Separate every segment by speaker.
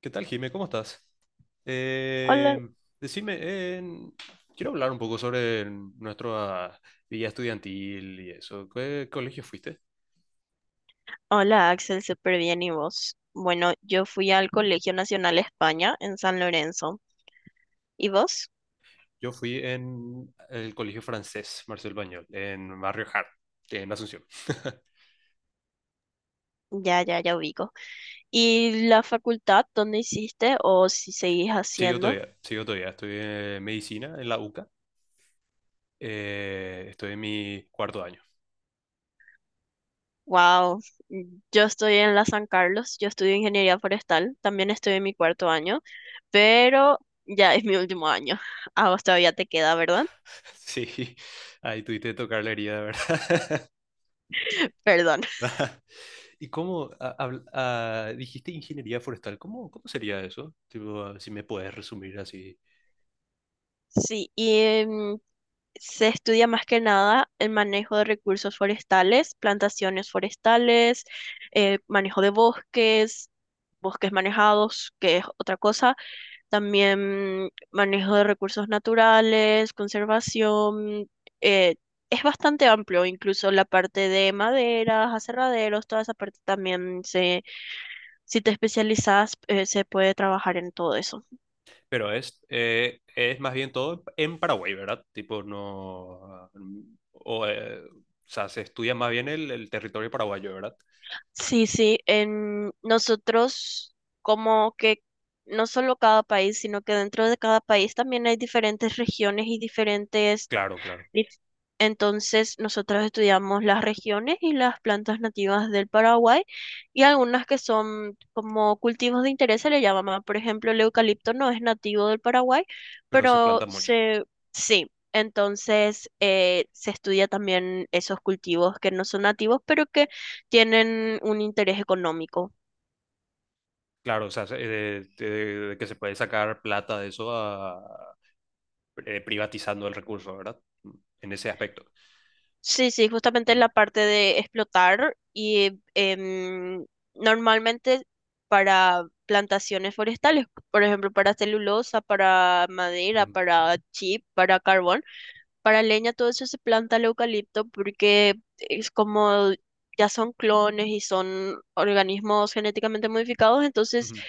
Speaker 1: ¿Qué tal, Jime? ¿Cómo estás?
Speaker 2: Hola,
Speaker 1: Eh, Decime, quiero hablar un poco sobre nuestra vida estudiantil y eso. ¿Qué colegio fuiste?
Speaker 2: hola Axel, súper bien, ¿y vos? Bueno, yo fui al Colegio Nacional España en San Lorenzo. ¿Y vos?
Speaker 1: Yo fui en el colegio francés Marcel Pagnol, en Barrio Hart, en Asunción.
Speaker 2: Ya, ya, ya ubico. ¿Y la facultad dónde hiciste o si seguís
Speaker 1: Sigo
Speaker 2: haciendo?
Speaker 1: todavía, sigo todavía. Estudié medicina en la UCA. Estoy en mi cuarto año.
Speaker 2: Wow, yo estoy en la San Carlos, yo estudio ingeniería forestal, también estoy en mi cuarto año, pero ya es mi último año. A vos todavía te queda, ¿verdad?
Speaker 1: Sí, ahí tuviste que tocar la herida, ¿verdad?
Speaker 2: Perdón.
Speaker 1: ¿Y cómo dijiste ingeniería forestal? ¿Cómo sería eso? Tipo, si me puedes resumir así.
Speaker 2: Sí, y se estudia más que nada el manejo de recursos forestales, plantaciones forestales, manejo de bosques, bosques manejados, que es otra cosa, también manejo de recursos naturales, conservación. eh, es bastante amplio, incluso la parte de maderas, aserraderos, toda esa parte también se, si te especializas, se puede trabajar en todo eso.
Speaker 1: Pero es más bien todo en Paraguay, ¿verdad? Tipo, no... O sea, se estudia más bien el territorio paraguayo, ¿verdad?
Speaker 2: Sí, sí, en nosotros como que no solo cada país, sino que dentro de cada país también hay diferentes regiones y diferentes.
Speaker 1: Claro, claro.
Speaker 2: Listo. Entonces, nosotros estudiamos las regiones y las plantas nativas del Paraguay y algunas que son como cultivos de interés se le llama. Por ejemplo, el eucalipto no es nativo del Paraguay,
Speaker 1: Pero se
Speaker 2: pero
Speaker 1: planta mucho.
Speaker 2: se, sí. Entonces, se estudia también esos cultivos que no son nativos, pero que tienen un interés económico.
Speaker 1: Claro, o sea, que se puede sacar plata de eso, privatizando el recurso, ¿verdad? Mm, En ese aspecto.
Speaker 2: Sí, sí, justamente en
Speaker 1: Mm,
Speaker 2: la parte de explotar y normalmente para plantaciones forestales, por ejemplo, para celulosa, para madera,
Speaker 1: mm,
Speaker 2: para chip, para carbón, para leña, todo eso se planta el eucalipto porque es como ya son clones y son organismos genéticamente modificados, entonces
Speaker 1: ujú.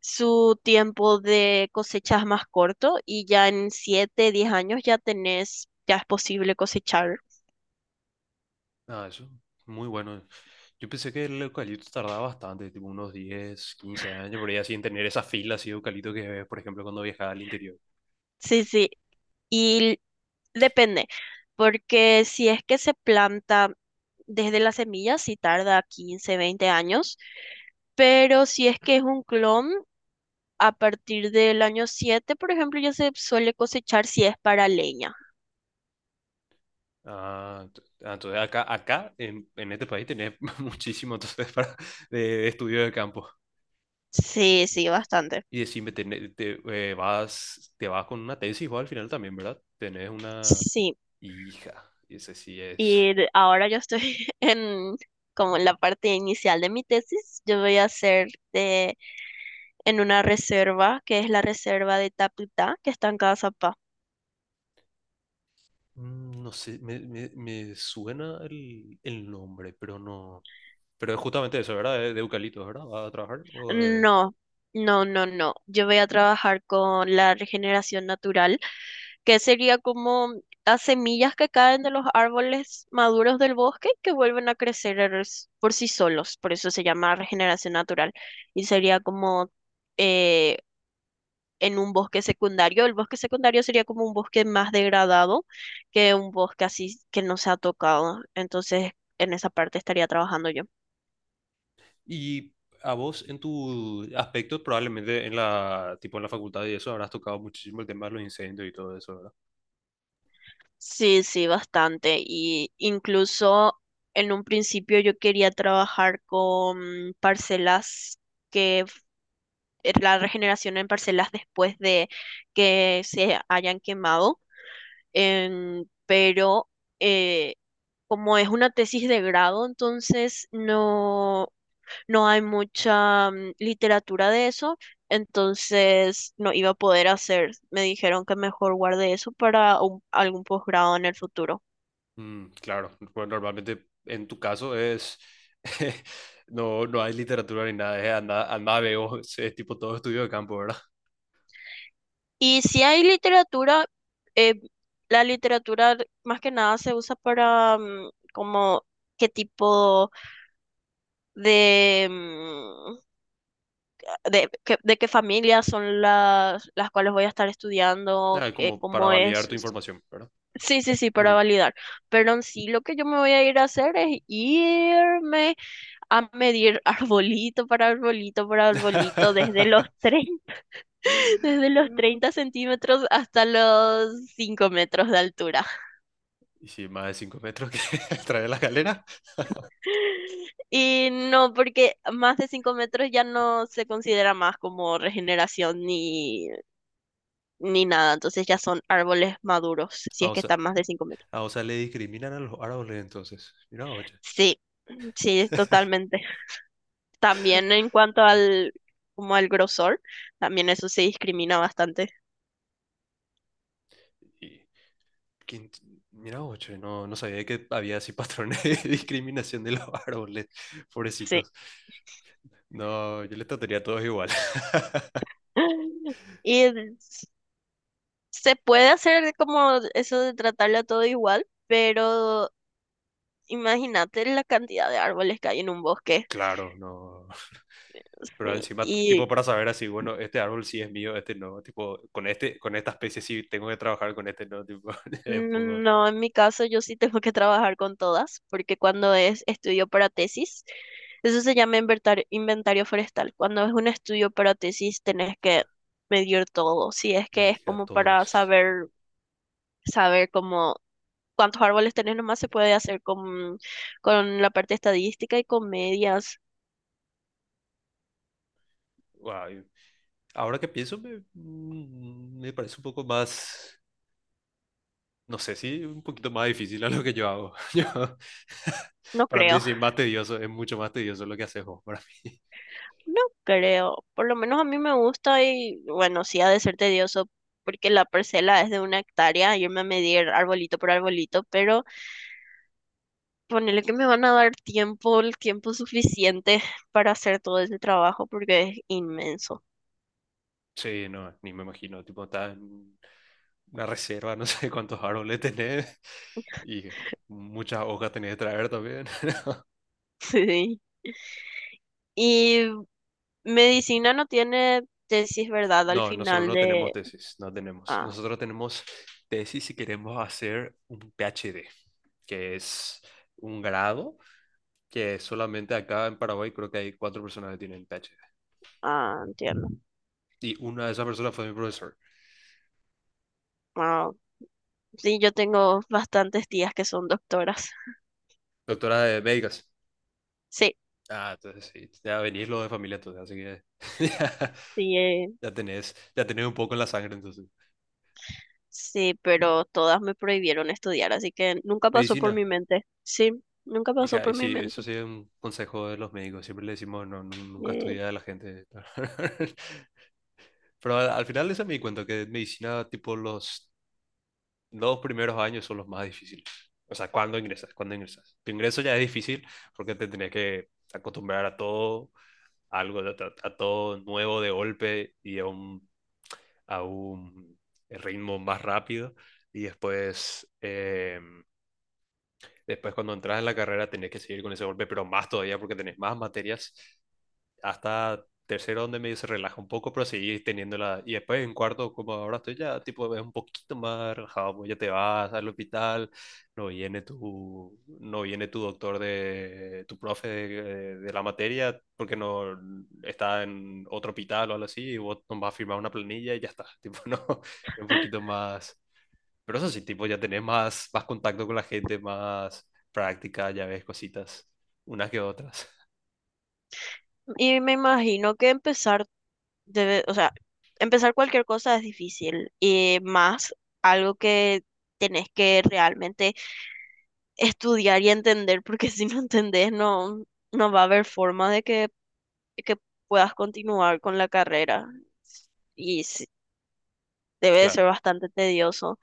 Speaker 2: su tiempo de cosecha es más corto y ya en 7, 10 años ya tenés, ya es posible cosechar.
Speaker 1: Ah, eso, muy bueno. Yo pensé que el eucalipto tardaba bastante, tipo unos 10 15 años, por ahí así en tener esa fila así de eucalipto que ves, por ejemplo, cuando viajaba al interior.
Speaker 2: Sí, sí. Y depende, porque si es que se planta desde las semillas, sí tarda 15, 20 años, pero si es que es un clon, a partir del año 7 por ejemplo, ya se suele cosechar si es para leña.
Speaker 1: Entonces acá, en este país tenés muchísimo entonces para, de estudio de campo.
Speaker 2: Sí,
Speaker 1: Sí.
Speaker 2: sí, bastante.
Speaker 1: Y decime, te vas con una tesis vos al final también, ¿verdad? Tenés una
Speaker 2: Sí,
Speaker 1: hija, y ese sí es...
Speaker 2: y ahora yo estoy en como en la parte inicial de mi tesis. Yo voy a hacer en una reserva, que es la reserva de Taputá, que está en Cazapá.
Speaker 1: No sé, me suena el nombre, pero no. Pero es justamente eso, ¿verdad? De eucaliptos, ¿verdad? ¿Vas a trabajar?
Speaker 2: No, no, no, no. Yo voy a trabajar con la regeneración natural, que sería como las semillas que caen de los árboles maduros del bosque que vuelven a crecer por sí solos. Por eso se llama regeneración natural. Y sería como eh, en un bosque secundario. El bosque secundario sería como un bosque más degradado que un bosque así que no se ha tocado. Entonces, en esa parte estaría trabajando yo.
Speaker 1: Y a vos, en tu aspecto, probablemente en la, tipo en la facultad y eso, habrás tocado muchísimo el tema de los incendios y todo eso, ¿verdad?
Speaker 2: Sí, sí, bastante. Y incluso en un principio yo quería trabajar con parcelas que f- la regeneración en parcelas después de que se hayan quemado. Pero eh, como es una tesis de grado, entonces no, no hay mucha literatura de eso. Entonces no iba a poder hacer. Me dijeron que mejor guarde eso para algún posgrado en el futuro.
Speaker 1: Claro, pues normalmente en tu caso es... No, no hay literatura ni nada, es anda, anda, veo, es tipo todo estudio de campo, ¿verdad?
Speaker 2: Y si hay literatura, eh, la literatura más que nada se usa para como qué tipo de, de, de qué familias son las cuales voy a estar estudiando,
Speaker 1: Ah, como para
Speaker 2: cómo
Speaker 1: validar
Speaker 2: es.
Speaker 1: tu información, ¿verdad?
Speaker 2: Sí, sí, sí, para
Speaker 1: Ujú.
Speaker 2: validar. Pero en sí lo que yo me voy a ir a hacer es irme a medir arbolito para arbolito para arbolito desde los 30 desde los 30 centímetros hasta los 5 metros de altura.
Speaker 1: Y si más de 5 metros que trae la galera.
Speaker 2: Y no, porque más de 5 metros ya no se considera más como regeneración ni, ni nada. Entonces ya son árboles maduros, si
Speaker 1: Ah,
Speaker 2: es
Speaker 1: o
Speaker 2: que
Speaker 1: sea,
Speaker 2: están más de 5 metros.
Speaker 1: Ah, o sea, le discriminan a los árboles entonces. Mira, oye.
Speaker 2: Sí, sí, es totalmente. También en cuanto
Speaker 1: Ah,
Speaker 2: al, como al grosor, también eso se discrimina bastante.
Speaker 1: y, quin- mira, oye, no, no sabía que había así patrones de discriminación de los árboles,
Speaker 2: Sí.
Speaker 1: pobrecitos. No, yo les trataría a todos igual.
Speaker 2: Y s- se puede hacer como eso de tratarlo todo igual, pero imagínate la cantidad de árboles que hay en un bosque.
Speaker 1: Claro, no. Pero encima, tipo,
Speaker 2: Sí.
Speaker 1: para saber así, bueno, este árbol sí es mío, este no. Tipo, con este, con esta especie sí tengo que trabajar, con este no. Tipo, es un poco.
Speaker 2: No, en mi caso yo sí tengo que trabajar con todas, porque cuando es estudio para tesis, eso se llama inventario forestal. Cuando es un estudio para tesis, tenés que medir todo. Si es que es
Speaker 1: Hija,
Speaker 2: como para
Speaker 1: todos.
Speaker 2: saber, saber cómo cuántos árboles tenés, nomás se puede hacer con la parte estadística y con medias.
Speaker 1: Guau, ahora que pienso, me parece un poco más. No sé si un poquito más difícil a lo que yo hago.
Speaker 2: No
Speaker 1: Para
Speaker 2: creo,
Speaker 1: mí sí, más tedioso, es mucho más tedioso lo que haces vos para mí.
Speaker 2: no creo. Por lo menos a mí me gusta y bueno, sí ha de ser tedioso porque la parcela es de 1 hectárea, irme a medir arbolito por arbolito, pero ponele que me van a dar tiempo, el tiempo suficiente para hacer todo ese trabajo porque es inmenso.
Speaker 1: Sí, no, ni me imagino, tipo, está en una reserva, no sé cuántos árboles tenés y muchas hojas tenés que traer también.
Speaker 2: Sí. Y medicina no tiene tesis, ¿verdad? Al
Speaker 1: No, nosotros
Speaker 2: final
Speaker 1: no tenemos
Speaker 2: de...
Speaker 1: tesis, no tenemos.
Speaker 2: Ah,
Speaker 1: Nosotros tenemos tesis si queremos hacer un PhD, que es un grado que solamente acá en Paraguay creo que hay cuatro personas que tienen PhD.
Speaker 2: ah, entiendo.
Speaker 1: Y una de esas personas fue mi profesor.
Speaker 2: Ah, sí, yo tengo bastantes tías que son doctoras.
Speaker 1: Doctora de médicas.
Speaker 2: Sí,
Speaker 1: Ah, entonces sí, ya venís lo de familia, entonces, así que ya,
Speaker 2: sí,
Speaker 1: ya tenés un poco en la sangre, entonces.
Speaker 2: sí, pero todas me prohibieron estudiar, así que nunca pasó por mi
Speaker 1: Medicina.
Speaker 2: mente. Sí, nunca pasó
Speaker 1: Hija,
Speaker 2: por
Speaker 1: y
Speaker 2: mi
Speaker 1: sí, eso
Speaker 2: mente.
Speaker 1: sí es un consejo de los médicos. Siempre le decimos, nunca
Speaker 2: Eh,
Speaker 1: estudia a la gente. Pero al final de eso me di cuenta que medicina, tipo, los dos primeros años son los más difíciles. O sea, cuando ingresas, cuando ingresas. Tu ingreso ya es difícil porque te tenés que acostumbrar a todo, algo, a todo nuevo de golpe y a un ritmo más rápido y después cuando entras en la carrera tenés que seguir con ese golpe, pero más todavía porque tenés más materias hasta tercero donde medio se relaja un poco, pero seguí teniéndola. Y después en cuarto, como ahora estoy ya, tipo, es un poquito más relajado, pues ya te vas al hospital, no viene tu doctor de, tu profe de la materia, porque no está en otro hospital o algo así, y vos no vas a firmar una planilla y ya está, tipo, no, es un poquito más... Pero eso sí, tipo, ya tenés más contacto con la gente, más práctica, ya ves cositas, unas que otras.
Speaker 2: y me imagino que empezar debe, o sea, empezar cualquier cosa es difícil y más algo que tenés que realmente estudiar y entender, porque si no entendés no, no va a haber forma de que puedas continuar con la carrera y sí, debe de
Speaker 1: Claro.
Speaker 2: ser bastante tedioso.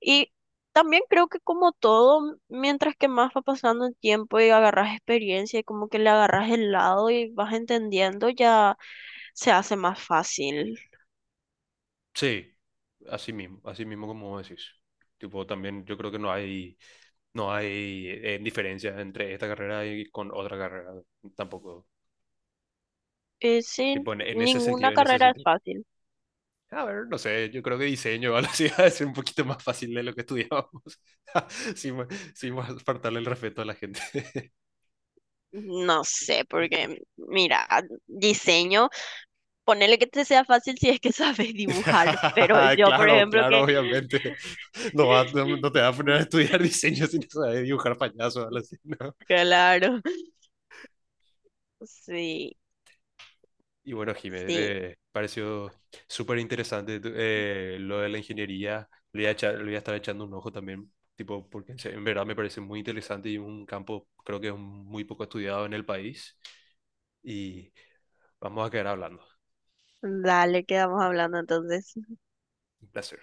Speaker 2: Y también creo que como todo, mientras que más va pasando el tiempo y agarras experiencia y como que le agarras el lado y vas entendiendo, ya se hace más fácil.
Speaker 1: Sí, así mismo como decís. Tipo, también yo creo que no hay diferencia entre esta carrera y con otra carrera, tampoco.
Speaker 2: Sí,
Speaker 1: Tipo, en ese
Speaker 2: ninguna
Speaker 1: sentido, en ese
Speaker 2: carrera es
Speaker 1: sentido.
Speaker 2: fácil.
Speaker 1: A ver, no sé, yo creo que diseño o algo así va a ser un poquito más fácil de lo que estudiábamos, sin, ma- sin faltarle el respeto a la gente.
Speaker 2: No sé, porque mira, diseño, ponele que te sea fácil si es que sabes dibujar, pero yo, por
Speaker 1: Claro,
Speaker 2: ejemplo,
Speaker 1: claro,
Speaker 2: que...
Speaker 1: obviamente. No, no te va a poner a estudiar diseño sin saber dibujar payasos, algo así, ¿no?
Speaker 2: Claro, sí,
Speaker 1: Y bueno, Jiménez,
Speaker 2: sí.
Speaker 1: me pareció súper interesante lo de la ingeniería. Le voy a estar echando un ojo también, tipo, porque en verdad me parece muy interesante y un campo creo que es muy poco estudiado en el país. Y vamos a quedar hablando.
Speaker 2: Dale, quedamos hablando entonces.
Speaker 1: Un placer.